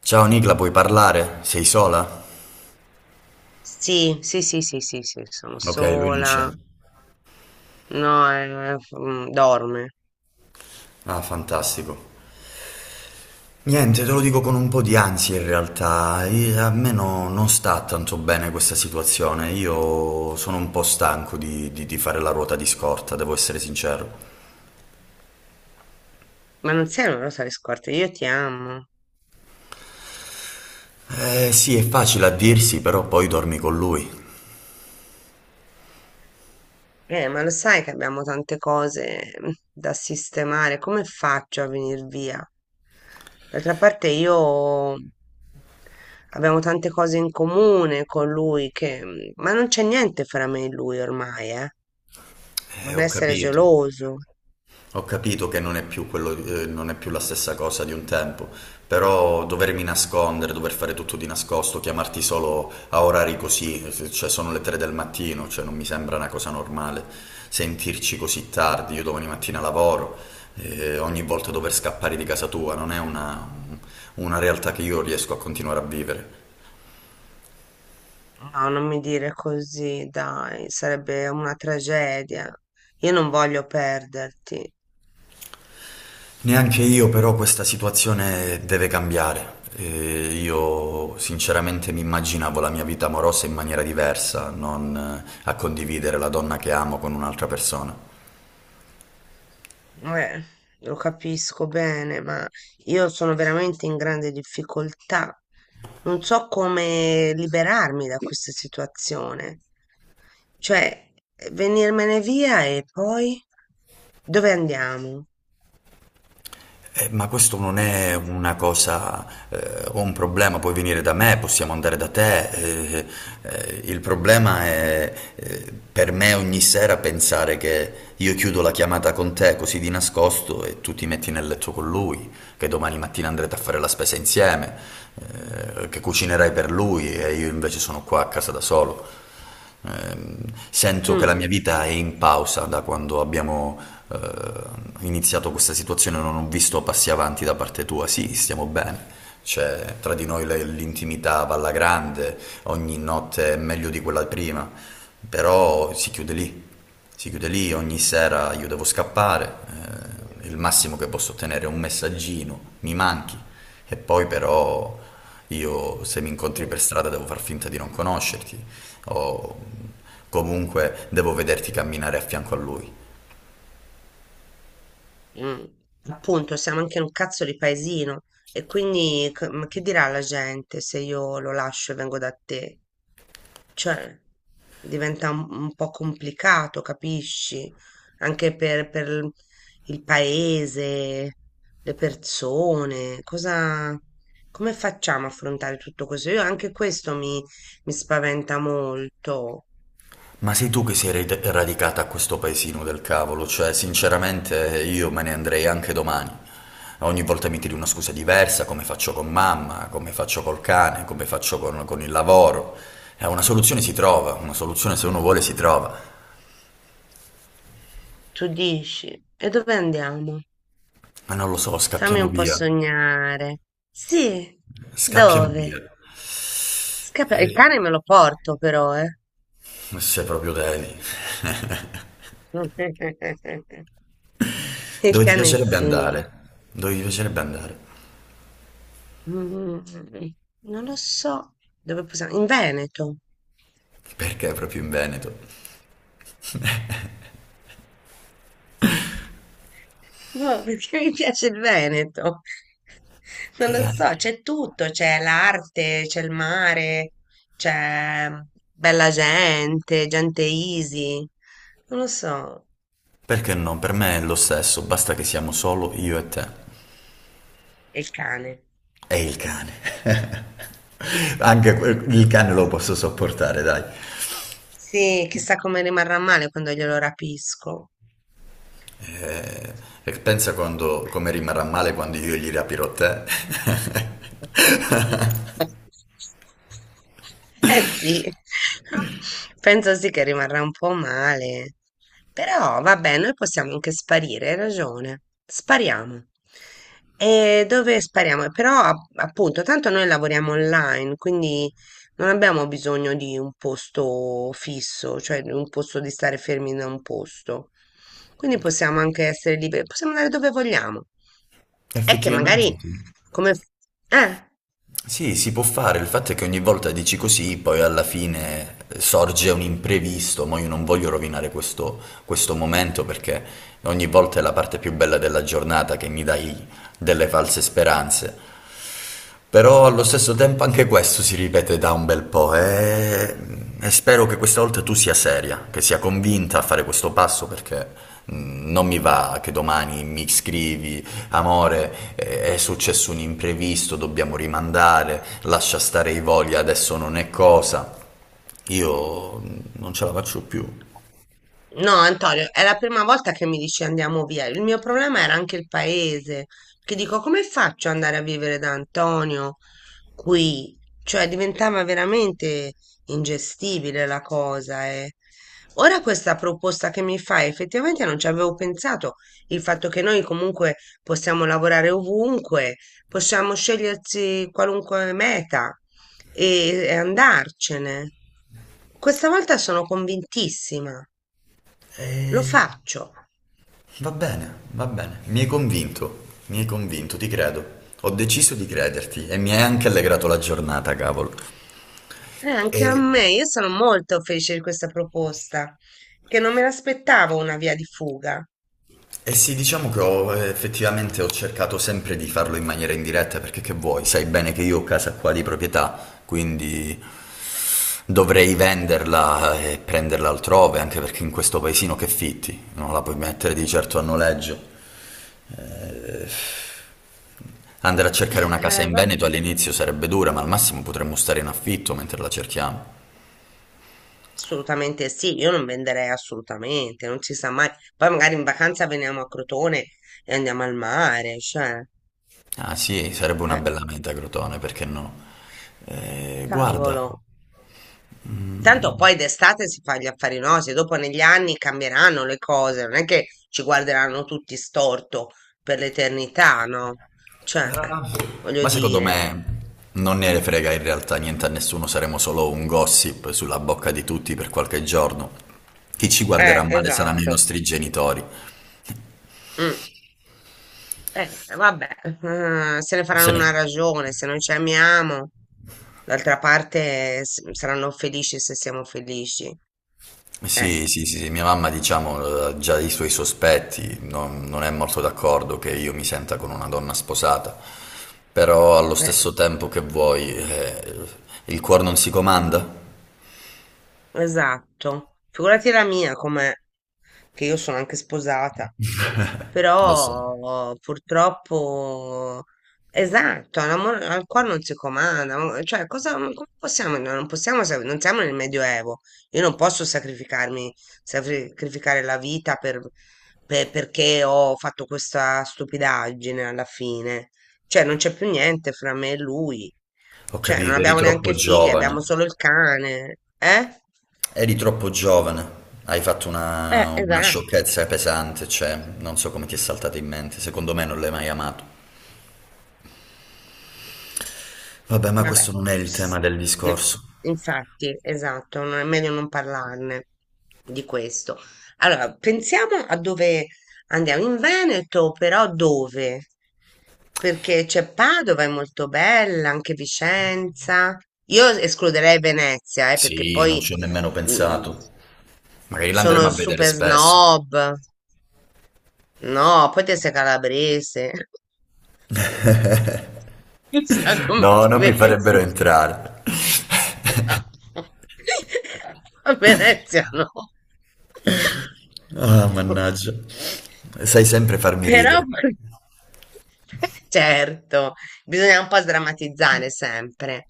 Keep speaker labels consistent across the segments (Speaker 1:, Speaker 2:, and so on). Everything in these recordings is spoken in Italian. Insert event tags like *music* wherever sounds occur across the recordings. Speaker 1: Ciao Nicla, puoi parlare? Sei sola?
Speaker 2: Sì, sì, sì, sì, sì, sì, sono
Speaker 1: Ok, lui non c'è.
Speaker 2: sola. No, dorme.
Speaker 1: Ah, fantastico. Niente, te lo dico con un po' di ansia in realtà. A me non sta tanto bene questa situazione. Io sono un po' stanco di fare la ruota di scorta, devo essere sincero.
Speaker 2: Ma non sei una rosa di scorte, io ti amo.
Speaker 1: Eh sì, è facile a dirsi, però poi dormi con lui.
Speaker 2: Ma lo sai che abbiamo tante cose da sistemare. Come faccio a venire via? D'altra parte io abbiamo tante cose in comune con lui che... Ma non c'è niente fra me e lui ormai, eh. Non
Speaker 1: Ho
Speaker 2: essere
Speaker 1: capito.
Speaker 2: geloso.
Speaker 1: Ho capito che non è più quello, non è più la stessa cosa di un tempo, però dovermi nascondere, dover fare tutto di nascosto, chiamarti solo a orari così, cioè sono le 3 del mattino, cioè non mi sembra una cosa normale sentirci così tardi, io domani mattina lavoro, ogni volta dover scappare di casa tua, non è una realtà che io riesco a continuare a vivere.
Speaker 2: No, non mi dire così, dai, sarebbe una tragedia. Io non voglio perderti.
Speaker 1: Neanche io, però questa situazione deve cambiare. Io sinceramente mi immaginavo la mia vita amorosa in maniera diversa, non a condividere la donna che amo con un'altra persona.
Speaker 2: Eh, lo capisco bene, ma io sono veramente in grande difficoltà. Non so come liberarmi da questa situazione. Cioè, venirmene via e poi dove andiamo?
Speaker 1: Ma questo non è una cosa o un problema, puoi venire da me, possiamo andare da te. Il problema è per me ogni sera pensare che io chiudo la chiamata con te così di nascosto e tu ti metti nel letto con lui, che domani mattina andrete a fare la spesa insieme, che cucinerai per lui e io invece sono qua a casa da solo. Ehm, Sento che la mia
Speaker 2: Mm.
Speaker 1: vita è in pausa da quando abbiamo eh, iniziato questa situazione, non ho visto passi avanti da parte tua. Sì, stiamo bene. C'è tra di noi l'intimità va alla grande, ogni notte è meglio di quella prima, però si chiude lì, ogni sera io devo scappare, il massimo che posso ottenere è un messaggino, mi manchi, e poi però io se mi incontri per strada devo far finta di non conoscerti, o comunque devo vederti camminare a fianco a lui.
Speaker 2: Mm. Appunto, siamo anche un cazzo di paesino e quindi ma che dirà la gente se io lo lascio e vengo da te? Cioè, diventa un po' complicato, capisci? Anche per il paese, le persone, cosa, come facciamo a affrontare tutto questo? Io anche questo mi spaventa molto.
Speaker 1: Ma sei tu che sei radicata a questo paesino del cavolo, cioè sinceramente io me ne andrei anche domani. Ogni volta mi tiri una scusa diversa, come faccio con mamma, come faccio col cane, come faccio con il lavoro. Una soluzione si trova, una soluzione se uno vuole si trova.
Speaker 2: Tu dici, e dove andiamo?
Speaker 1: Ma non lo so,
Speaker 2: Fammi
Speaker 1: scappiamo
Speaker 2: un po'
Speaker 1: via.
Speaker 2: sognare. Sì,
Speaker 1: Scappiamo via.
Speaker 2: dove? Il
Speaker 1: Eh,
Speaker 2: cane me lo porto però, eh.
Speaker 1: Se proprio devi. *laughs*
Speaker 2: *laughs* Il
Speaker 1: Dove ti
Speaker 2: cane
Speaker 1: piacerebbe
Speaker 2: sì.
Speaker 1: andare? Dove ti piacerebbe andare?
Speaker 2: Mm, Non lo so. Dove possiamo? In Veneto.
Speaker 1: Perché proprio in Veneto?
Speaker 2: Boh, *laughs* perché mi piace il Veneto. *laughs* Non lo so, c'è tutto, c'è l'arte, c'è il mare, c'è bella gente, gente easy. Non lo so.
Speaker 1: Perché no? Per me è lo stesso, basta che siamo solo io e te.
Speaker 2: E il cane.
Speaker 1: E il cane. *laughs* Anche
Speaker 2: *laughs*
Speaker 1: il cane lo posso sopportare, dai.
Speaker 2: Sì, chissà come rimarrà male quando glielo rapisco.
Speaker 1: Eh, E pensa quando, come rimarrà male quando io gli rapirò te.
Speaker 2: Eh sì, *laughs* penso sì che rimarrà un po' male, però vabbè, noi possiamo anche sparire, hai ragione, spariamo. E dove spariamo? Però appunto, tanto noi lavoriamo online, quindi non abbiamo bisogno di un posto fisso, cioè di un posto di stare fermi da un posto. Quindi possiamo anche essere liberi, possiamo andare dove vogliamo.
Speaker 1: *laughs*
Speaker 2: È che
Speaker 1: Effettivamente
Speaker 2: magari
Speaker 1: sì.
Speaker 2: come... f- Eh,
Speaker 1: Sì, si può fare, il fatto è che ogni volta dici così, poi alla fine sorge un imprevisto, ma io non voglio rovinare questo, questo momento perché ogni volta è la parte più bella della giornata che mi dai delle false speranze. Però allo stesso tempo anche questo si ripete da un bel po' e spero che questa volta tu sia seria, che sia convinta a fare questo passo perché non mi va che domani mi scrivi, amore, è successo un imprevisto, dobbiamo rimandare, lascia stare i voli, adesso non è cosa. Io non ce la faccio più.
Speaker 2: no, Antonio, è la prima volta che mi dici andiamo via. Il mio problema era anche il paese, perché dico, come faccio ad andare a vivere da Antonio qui? Cioè, diventava veramente ingestibile la cosa, eh. Ora questa proposta che mi fai, effettivamente non ci avevo pensato, il fatto che noi comunque possiamo lavorare ovunque, possiamo scegliersi qualunque meta, e andarcene. Questa volta sono convintissima, lo
Speaker 1: Eh,
Speaker 2: faccio.
Speaker 1: Va bene, va bene. Mi hai convinto, ti credo. Ho deciso di crederti e mi hai anche allegrato la giornata, cavolo.
Speaker 2: E anche a
Speaker 1: E,
Speaker 2: me, io sono molto felice di questa proposta, che non me l'aspettavo una via di fuga.
Speaker 1: e sì, diciamo che ho, effettivamente ho cercato sempre di farlo in maniera indiretta perché che vuoi, sai bene che io ho casa qua di proprietà, quindi dovrei venderla e prenderla altrove, anche perché in questo paesino che fitti, non la puoi mettere di certo a noleggio. Eh, Andare a cercare una casa in
Speaker 2: Vabbè,
Speaker 1: Veneto all'inizio sarebbe dura, ma al massimo potremmo stare in affitto mentre la cerchiamo.
Speaker 2: assolutamente sì, io non venderei assolutamente, non si sa mai. Poi magari in vacanza veniamo a Crotone e andiamo al mare, cioè,
Speaker 1: Ah sì, sarebbe una
Speaker 2: eh,
Speaker 1: bella meta, Crotone, perché no? Guarda,
Speaker 2: cavolo. Tanto poi d'estate si fa gli affari nostri, dopo negli anni cambieranno le cose, non è che ci guarderanno tutti storto per l'eternità, no?
Speaker 1: ma
Speaker 2: Cioè, voglio
Speaker 1: ma secondo
Speaker 2: dire,
Speaker 1: me non ne frega in realtà niente a nessuno, saremo solo un gossip sulla bocca di tutti per qualche giorno. Chi ci guarderà male saranno i
Speaker 2: esatto.
Speaker 1: nostri genitori.
Speaker 2: Mm. Vabbè, se ne
Speaker 1: Se
Speaker 2: faranno
Speaker 1: ne...
Speaker 2: una ragione, se noi ci amiamo, d'altra parte saranno felici se siamo felici. Eh,
Speaker 1: Sì, sì, sì, sì, mia mamma diciamo ha già ha i suoi sospetti, non è molto d'accordo che io mi senta con una donna sposata, però allo
Speaker 2: eh,
Speaker 1: stesso tempo che vuoi, il cuore non si comanda?
Speaker 2: esatto. Figurati la mia, com'è, che io sono anche sposata.
Speaker 1: *laughs* Lo so,
Speaker 2: Però purtroppo, esatto, l'amore al cuore non si comanda, cioè cosa, come possiamo, no, non possiamo, non siamo nel Medioevo, io non posso sacrificarmi, sacrificare la vita perché ho fatto questa stupidaggine alla fine, cioè non c'è più niente fra me e lui,
Speaker 1: ho
Speaker 2: cioè non
Speaker 1: capito,
Speaker 2: abbiamo neanche figli, abbiamo solo il cane, eh?
Speaker 1: eri troppo giovane, hai fatto una
Speaker 2: Esatto.
Speaker 1: sciocchezza pesante, cioè non so come ti è saltata in mente, secondo me non l'hai mai amato. Vabbè, ma questo
Speaker 2: Vabbè,
Speaker 1: non è il tema
Speaker 2: s-
Speaker 1: del
Speaker 2: no,
Speaker 1: discorso.
Speaker 2: infatti, esatto, non è meglio non parlarne di questo. Allora, pensiamo a dove andiamo, in Veneto, però dove? Perché c'è Padova, è molto bella, anche Vicenza. Io escluderei Venezia, perché
Speaker 1: Sì, non ci
Speaker 2: poi
Speaker 1: ho nemmeno
Speaker 2: mm,
Speaker 1: pensato. Magari l'andremo
Speaker 2: sono
Speaker 1: a vedere
Speaker 2: super
Speaker 1: spesso.
Speaker 2: snob. No, poi te sei calabrese. *laughs* Chissà come
Speaker 1: No,
Speaker 2: ti
Speaker 1: non mi
Speaker 2: vedi.
Speaker 1: farebbero entrare. *laughs*
Speaker 2: *laughs* A Venezia no.
Speaker 1: Ah, mannaggia. Sai sempre farmi
Speaker 2: Però,
Speaker 1: ridere.
Speaker 2: *laughs* certo, bisogna un po' sdrammatizzare sempre.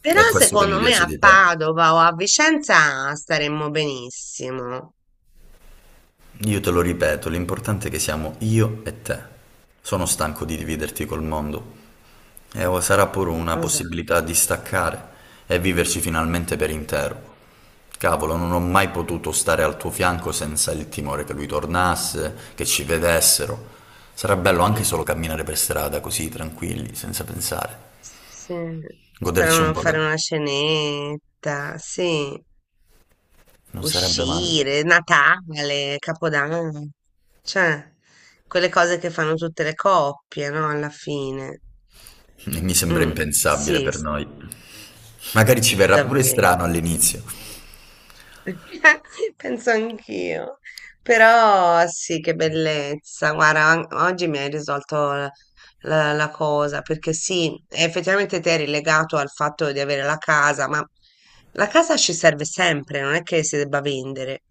Speaker 2: Però
Speaker 1: È questo che mi
Speaker 2: secondo me
Speaker 1: piace
Speaker 2: a
Speaker 1: di te.
Speaker 2: Padova o a Vicenza staremmo benissimo.
Speaker 1: Io te lo ripeto, l'importante è che siamo io e te. Sono stanco di dividerti col mondo. E o sarà pure una possibilità
Speaker 2: Esatto.
Speaker 1: di staccare e viverci finalmente per intero. Cavolo, non ho mai potuto stare al tuo fianco senza il timore che lui tornasse, che ci vedessero. Sarà bello anche solo
Speaker 2: Mm.
Speaker 1: camminare per strada così tranquilli, senza pensare.
Speaker 2: Sì,
Speaker 1: Goderci un
Speaker 2: staremmo a
Speaker 1: po'.
Speaker 2: fare una cenetta, sì.
Speaker 1: Non sarebbe male.
Speaker 2: Uscire, Natale, Capodanno, cioè quelle cose che fanno tutte le coppie, no? Alla fine.
Speaker 1: E mi sembra
Speaker 2: Mm,
Speaker 1: impensabile
Speaker 2: sì,
Speaker 1: per
Speaker 2: s-
Speaker 1: noi. Magari ci verrà pure strano
Speaker 2: Davvero.
Speaker 1: all'inizio.
Speaker 2: *laughs* Penso anch'io, però sì, che bellezza. Guarda, oggi mi hai risolto la cosa, perché sì, effettivamente te eri legato al fatto di avere la casa, ma la casa ci serve sempre, non è che si debba vendere.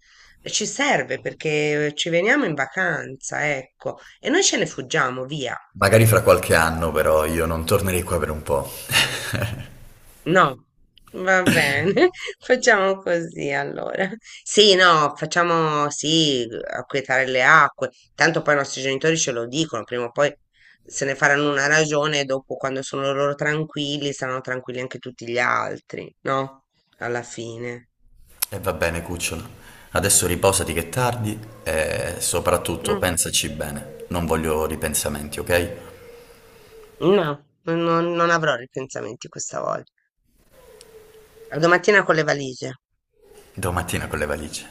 Speaker 2: Ci serve perché ci veniamo in vacanza, ecco, e noi ce ne fuggiamo via.
Speaker 1: Magari fra qualche anno, però, io non tornerei qua per un po'. *laughs*
Speaker 2: No, va bene, *laughs* facciamo così allora. Sì, no, facciamo sì, acquietare le acque. Tanto poi i nostri genitori ce lo dicono, prima o poi se ne faranno una ragione e dopo quando sono loro tranquilli, saranno tranquilli anche tutti gli altri, no? Alla fine.
Speaker 1: E va bene, cucciolo. Adesso riposati che è tardi e soprattutto
Speaker 2: Mm,
Speaker 1: pensaci bene. Non voglio ripensamenti, ok?
Speaker 2: No, non avrò ripensamenti questa volta. A domattina con le valigie.
Speaker 1: Domattina con le valigie.